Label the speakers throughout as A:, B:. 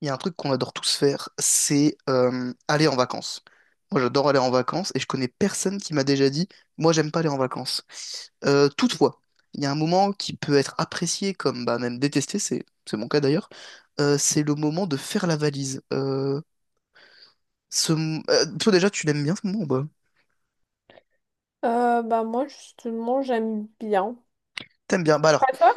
A: Il y a un truc qu'on adore tous faire, c'est aller en vacances. Moi, j'adore aller en vacances et je connais personne qui m'a déjà dit, moi, j'aime pas aller en vacances. Toutefois, il y a un moment qui peut être apprécié comme bah, même détesté, c'est mon cas d'ailleurs, c'est le moment de faire la valise. Toi déjà, tu l'aimes bien ce moment? Ou pas?
B: Bah moi justement j'aime bien.
A: T'aimes bien? Bah alors,
B: Pas toi?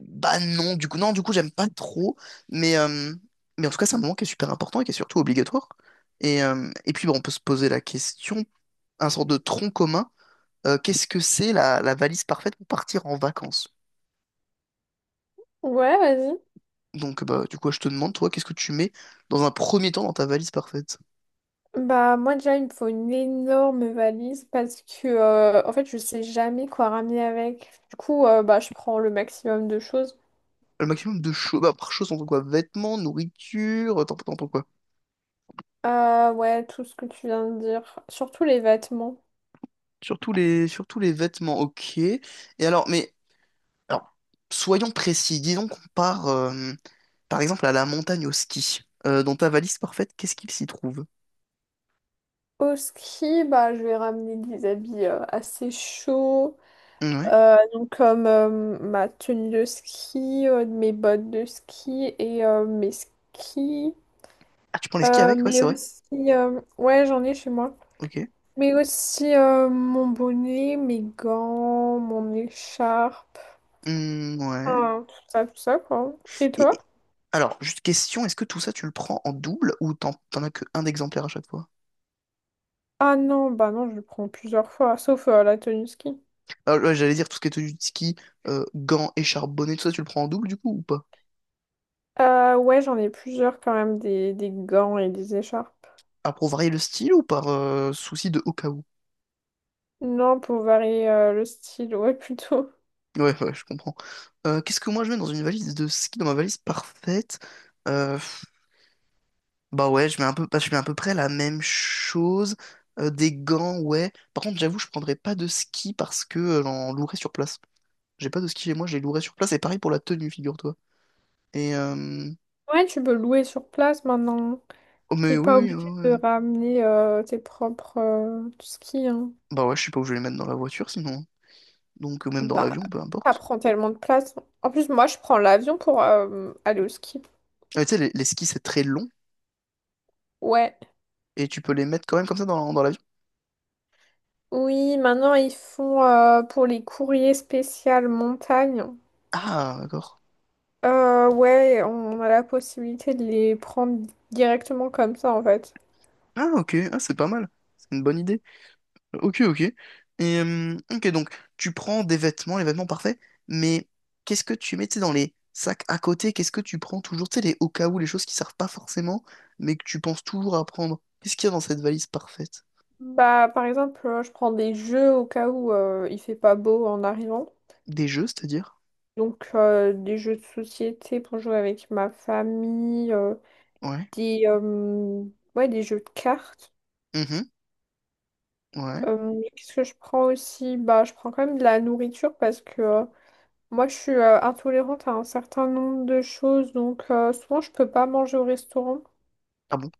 A: bah non, du coup, non, du coup, j'aime pas trop, mais, euh, mais en tout cas, c'est un moment qui est super important et qui est surtout obligatoire. Et puis, bon, on peut se poser la question, un sort de tronc commun. Qu'est-ce que c'est la, la valise parfaite pour partir en vacances?
B: Ouais, vas-y.
A: Donc, bah, du coup, je te demande, toi, qu'est-ce que tu mets dans un premier temps dans ta valise parfaite?
B: Bah moi déjà il me faut une énorme valise parce que en fait je sais jamais quoi ramener avec. Du coup bah je prends le maximum de choses.
A: Le maximum de choses, bah, par chose, on entend quoi? Vêtements, nourriture, t'entends quoi?
B: Ouais, tout ce que tu viens de dire, surtout les vêtements.
A: Surtout les vêtements, ok. Et alors, mais, alors, soyons précis, disons qu'on part, par exemple, à la montagne au ski. Dans ta valise parfaite, qu'est-ce qu'il s'y trouve?
B: Au ski, bah je vais ramener des habits assez chauds.
A: Ouais.
B: Donc comme ma tenue de ski, mes bottes de ski et mes skis.
A: Ah, tu prends les skis
B: Euh,
A: avec? Ouais,
B: mais
A: c'est vrai.
B: aussi, euh, ouais, j'en ai chez moi.
A: Ok.
B: Mais aussi mon bonnet, mes gants, mon écharpe,
A: Hmm, ouais.
B: enfin, tout ça, quoi. Et
A: Et
B: toi?
A: alors, juste question, est-ce que tout ça tu le prends en double ou t'en as qu'un exemplaire à chaque fois?
B: Ah non, bah non, je le prends plusieurs fois, sauf la tenue ski.
A: Ah, ouais, j'allais dire tout ce qui est tenue de ski, gants, écharpe, bonnet, tout ça tu le prends en double du coup ou pas?
B: Ouais, j'en ai plusieurs quand même, des gants et des écharpes.
A: Ah, pour varier le style ou par souci de au cas où?
B: Non, pour varier le style, ouais, plutôt.
A: Ouais, ouais, je comprends. Qu'est-ce que moi je mets dans une valise de ski, dans ma valise parfaite? Euh, Bah ouais, je mets un peu, bah, je mets à peu près la même chose. Des gants, ouais. Par contre, j'avoue, je prendrais pas de ski parce que j'en louerais sur place. J'ai pas de ski chez moi, je les louerais sur place. Et pareil pour la tenue, figure-toi. Et euh,
B: Ouais, tu peux louer sur place maintenant.
A: Oh, mais
B: T'es
A: oui,
B: pas
A: oui,
B: obligé
A: ouais, ouais.
B: de ramener tes propres skis, hein.
A: Bah ouais, je sais pas où je vais les mettre dans la voiture sinon, hein. Donc, ou même dans
B: Bah,
A: l'avion, peu
B: ça
A: importe.
B: prend tellement de place. En plus, moi, je prends l'avion pour aller au ski.
A: Ah, mais tu sais, les skis, c'est très long
B: Ouais.
A: et tu peux les mettre quand même comme ça dans, dans l'avion.
B: Oui, maintenant, ils font pour les courriers spéciaux montagne.
A: Ah, d'accord.
B: Ouais, on a la possibilité de les prendre directement comme ça, en fait.
A: Ah, ok, ah, c'est pas mal. C'est une bonne idée. Ok, ok. Donc, tu prends des vêtements, les vêtements parfaits, mais qu'est-ce que tu mets, tu sais, dans les sacs à côté? Qu'est-ce que tu prends toujours, tu sais, les au cas où, les choses qui servent pas forcément, mais que tu penses toujours à prendre? Qu'est-ce qu'il y a dans cette valise parfaite?
B: Bah, par exemple, je prends des jeux au cas où il fait pas beau en arrivant.
A: Des jeux, c'est-à-dire?
B: Donc, des jeux de société pour jouer avec ma famille,
A: Ouais.
B: des, euh, ouais, des jeux de cartes.
A: Mhm. Ouais.
B: Qu'est-ce que je prends aussi? Bah, je prends quand même de la nourriture parce que moi, je suis intolérante à un certain nombre de choses. Donc, souvent, je peux pas manger au restaurant.
A: Ah bon?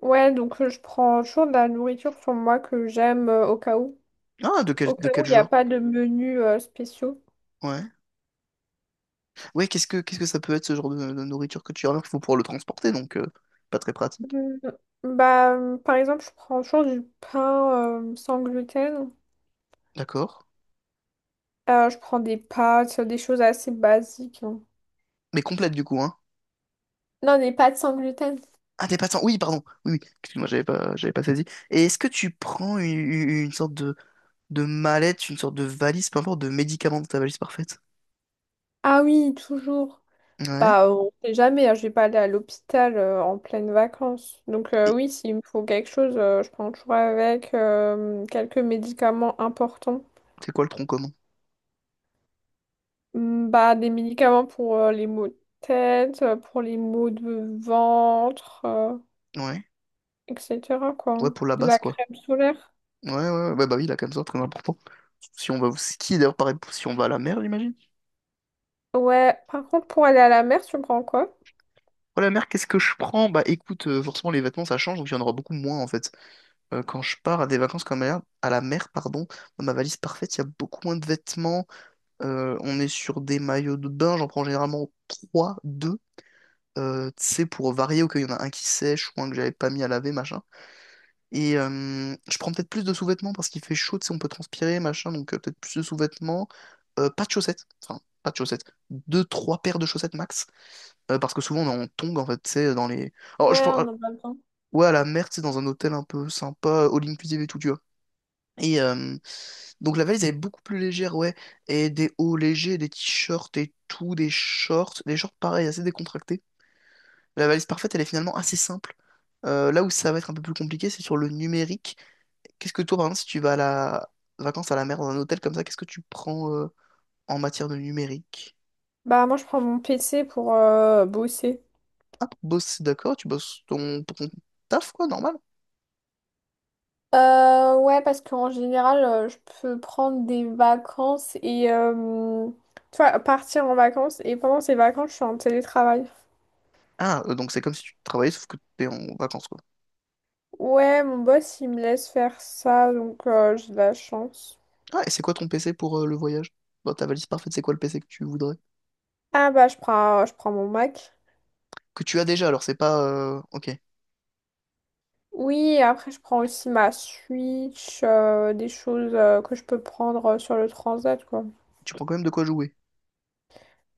B: Ouais, donc je prends toujours de la nourriture sur moi que j'aime au cas où.
A: Ah,
B: Au
A: de
B: cas où,
A: quel
B: il n'y a
A: genre?
B: pas de menu spéciaux.
A: Ouais. Ouais, qu'est-ce que ça peut être ce genre de nourriture que tu remarques? Il faut pouvoir le transporter, donc pas très pratique.
B: Mm, Bah, par exemple, je prends toujours du pain sans gluten.
A: D'accord.
B: Je prends des pâtes, des choses assez basiques, hein.
A: Mais complète du coup, hein.
B: Non, des pâtes sans gluten.
A: Ah, t'es pas sans- Oui, pardon. Oui, oui. Excuse-moi, j'avais pas saisi. Et est-ce que tu prends une sorte de mallette, une sorte de valise, peu importe, de médicaments de ta valise parfaite?
B: Ah oui, toujours.
A: Ouais.
B: Bah, on sait jamais, hein, je vais pas aller à l'hôpital en pleine vacances. Donc
A: Et
B: oui, s'il me faut quelque chose, je prends toujours avec quelques médicaments importants.
A: c'est quoi le tronc commun?
B: Bah, des médicaments pour les maux de tête, pour les maux de ventre,
A: Ouais.
B: etc., quoi.
A: Ouais, pour la base,
B: La
A: quoi.
B: crème solaire.
A: Ouais, ouais, ouais. Bah, bah oui, là, comme ça, très important. Si on va au ski, d'ailleurs, pareil, pour- si on va à la mer, j'imagine.
B: Ouais, par contre, pour aller à la mer, tu prends quoi?
A: Pour la mer, qu'est-ce que je prends? Bah écoute, forcément, les vêtements, ça change, donc il y en aura beaucoup moins, en fait. Quand je pars à des vacances comme à la mer, pardon, dans ma valise parfaite, il y a beaucoup moins de vêtements. On est sur des maillots de bain, j'en prends généralement 3, 2. Tu sais, pour varier au cas où il y en a un qui sèche ou un que j'avais pas mis à laver, machin. Et je prends peut-être plus de sous-vêtements parce qu'il fait chaud, tu sais, on peut transpirer, machin, donc peut-être plus de sous-vêtements. Pas de chaussettes, enfin, pas de chaussettes. Deux, trois paires de chaussettes max. Parce que souvent on est en tongs en fait, tu sais, dans les. Alors,
B: Ouais,
A: je... pense- ah,
B: on en a besoin.
A: ouais, à la mer, tu sais, dans un hôtel un peu sympa, all inclusive et tout, tu vois. Et euh, donc la valise, elle est beaucoup plus légère, ouais. Et des hauts légers, des t-shirts et tout, des shorts. Des shorts, pareil, assez décontractés. La valise parfaite, elle est finalement assez simple. Là où ça va être un peu plus compliqué, c'est sur le numérique. Qu'est-ce que toi, par exemple, si tu vas à la vacances à la mer dans un hôtel comme ça, qu'est-ce que tu prends en matière de numérique?
B: Bah, moi, je prends mon PC pour bosser.
A: Ah, pour bosser, d'accord, tu bosses ton... pour ton taf, quoi, normal.
B: Ouais, parce qu'en général, je peux prendre des vacances et tu vois, partir en vacances et pendant ces vacances, je suis en télétravail.
A: Ah, donc c'est comme si tu travaillais, sauf que t'es en vacances, quoi.
B: Ouais, mon boss, il me laisse faire ça, donc j'ai de la chance.
A: Ah, et c'est quoi ton PC pour le voyage? Dans ta valise parfaite, c'est quoi le PC que tu voudrais?
B: Ah bah, je prends mon Mac.
A: Que tu as déjà, alors c'est pas... Ok,
B: Oui, et après, je prends aussi ma Switch, des choses que je peux prendre sur le transat, quoi.
A: tu prends quand même de quoi jouer.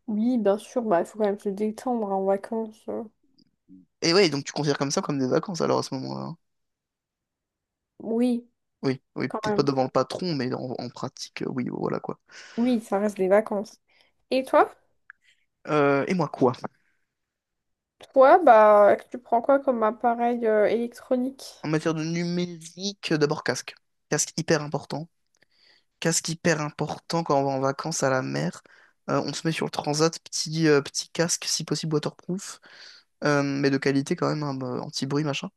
B: Oui, bien sûr, bah, il faut quand même se détendre en vacances,
A: Et ouais, donc tu considères comme ça comme des vacances alors à ce moment-là, hein.
B: Oui,
A: Oui, oui,
B: quand
A: peut-être pas
B: même.
A: devant le patron, mais en, en pratique, oui, voilà quoi.
B: Oui, ça reste des vacances. Et toi?
A: Et moi quoi?
B: Toi, bah, tu prends quoi comme appareil
A: En
B: électronique?
A: matière de numérique, d'abord casque. Casque hyper important. Casque hyper important quand on va en vacances à la mer. On se met sur le transat, petit, petit casque, si possible waterproof, mais de qualité quand même, hein, bah, anti-bruit, machin,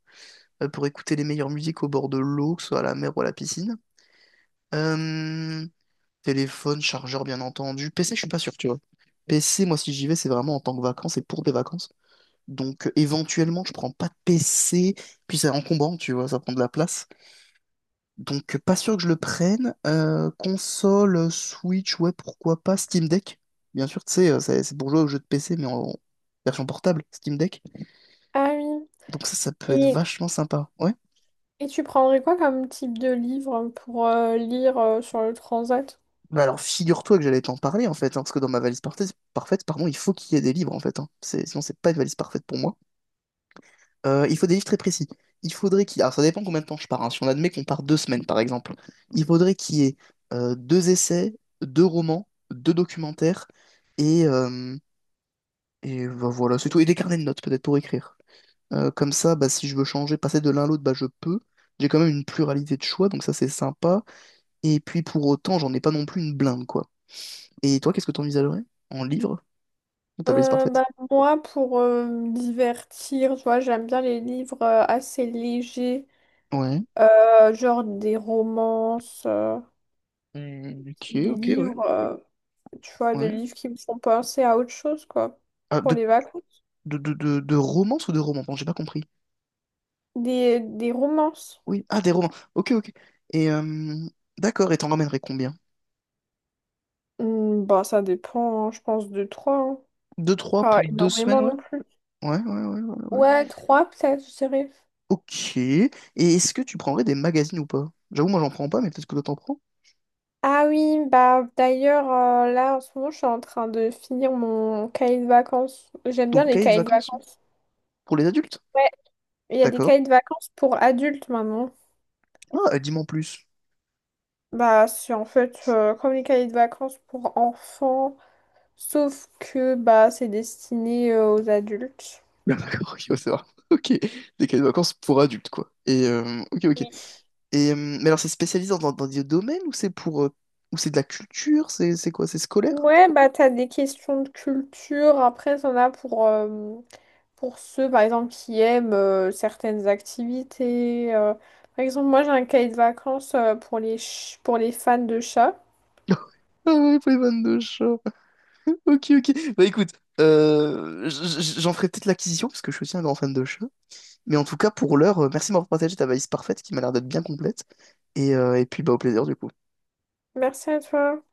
A: pour écouter les meilleures musiques au bord de l'eau, que ce soit à la mer ou à la piscine. Euh, Téléphone, chargeur, bien entendu. PC, je suis pas sûr, tu vois. PC, moi, si j'y vais, c'est vraiment en tant que vacances et pour des vacances. Donc, éventuellement, je prends pas de PC. Puis, c'est encombrant, tu vois, ça prend de la place. Donc, pas sûr que je le prenne. Console, Switch, ouais, pourquoi pas. Steam Deck, bien sûr, tu sais, c'est pour jouer aux jeux de PC, mais en version portable, Steam Deck.
B: Ah oui.
A: Donc, ça peut être
B: Et,
A: vachement sympa, ouais.
B: et tu prendrais quoi comme type de livre pour lire sur le transat?
A: Bah alors, figure-toi que j'allais t'en parler, en fait, hein, parce que dans ma valise parfaite, parfaite, pardon, il faut qu'il y ait des livres, en fait, hein. C'est- Sinon, c'est pas une valise parfaite pour moi. Il faut des livres très précis. Il faudrait qu'il... Alors, ça dépend combien de temps je pars, hein. Si on admet qu'on part deux semaines, par exemple, il faudrait qu'il y ait deux essais, deux romans, deux documentaires et, euh, et bah, voilà, c'est tout. Et des carnets de notes, peut-être, pour écrire. Comme ça, bah, si je veux changer, passer de l'un à l'autre, bah, je peux. J'ai quand même une pluralité de choix, donc ça, c'est sympa. Et puis, pour autant, j'en ai pas non plus une blinde, quoi. Et toi, qu'est-ce que t'envisagerais en livre? Dans ta valise parfaite.
B: Bah, moi, pour me divertir, tu vois, j'aime bien les livres assez légers,
A: Ouais.
B: genre des romances,
A: Hmm, ok,
B: des
A: ok, ouais.
B: livres, euh, tu vois, des
A: Ouais.
B: livres qui me font penser à autre chose, quoi,
A: Ah,
B: pour les vacances.
A: De romance ou de romans? Bon, j'ai pas compris.
B: Des romances.
A: Oui, ah, des romans. Ok, ok. Et euh, d'accord, et t'en ramènerais combien?
B: Bah, ça dépend, hein, je pense, de toi, hein.
A: Deux, trois
B: Pas
A: pour deux semaines,
B: énormément
A: ouais?
B: non plus.
A: Ouais, ouais, ouais, ouais, ouais.
B: Ouais, trois peut-être, je dirais.
A: Ok. Et est-ce que tu prendrais des magazines ou pas? J'avoue, moi, j'en prends pas, mais peut-être que toi, t'en prends.
B: Ah oui, bah d'ailleurs, là en ce moment, je suis en train de finir mon cahier de vacances. J'aime bien
A: Donc,
B: les
A: cahier de
B: cahiers de
A: vacances? Hein,
B: vacances.
A: pour les adultes?
B: Ouais, il y a des
A: D'accord.
B: cahiers de vacances pour adultes maintenant.
A: Ah, dis-moi en plus.
B: Bah, c'est en fait comme les cahiers de vacances pour enfants, sauf que bah c'est destiné aux adultes.
A: D'accord, ok, on va savoir. Ok. Des cahiers de vacances pour adultes, quoi. Ok, ok.
B: Oui.
A: Et, mais alors, c'est spécialisé dans, dans des domaines ou c'est pour, ou c'est de la culture? C'est quoi? C'est scolaire?
B: Ouais, bah t'as des questions de culture, après t'en as pour pour ceux, par exemple, qui aiment certaines activités, par exemple, moi, j'ai un cahier de vacances pour les, pour les fans de chats.
A: Ah ouais, pour les vannes de chat. Ok, ok. Bah écoute, j'en ferai peut-être l'acquisition parce que je suis aussi un grand fan de chat. Mais en tout cas, pour l'heure, merci de m'avoir partagé ta valise parfaite qui m'a l'air d'être bien complète. Et puis, bah, au plaisir du coup.
B: Merci à toi.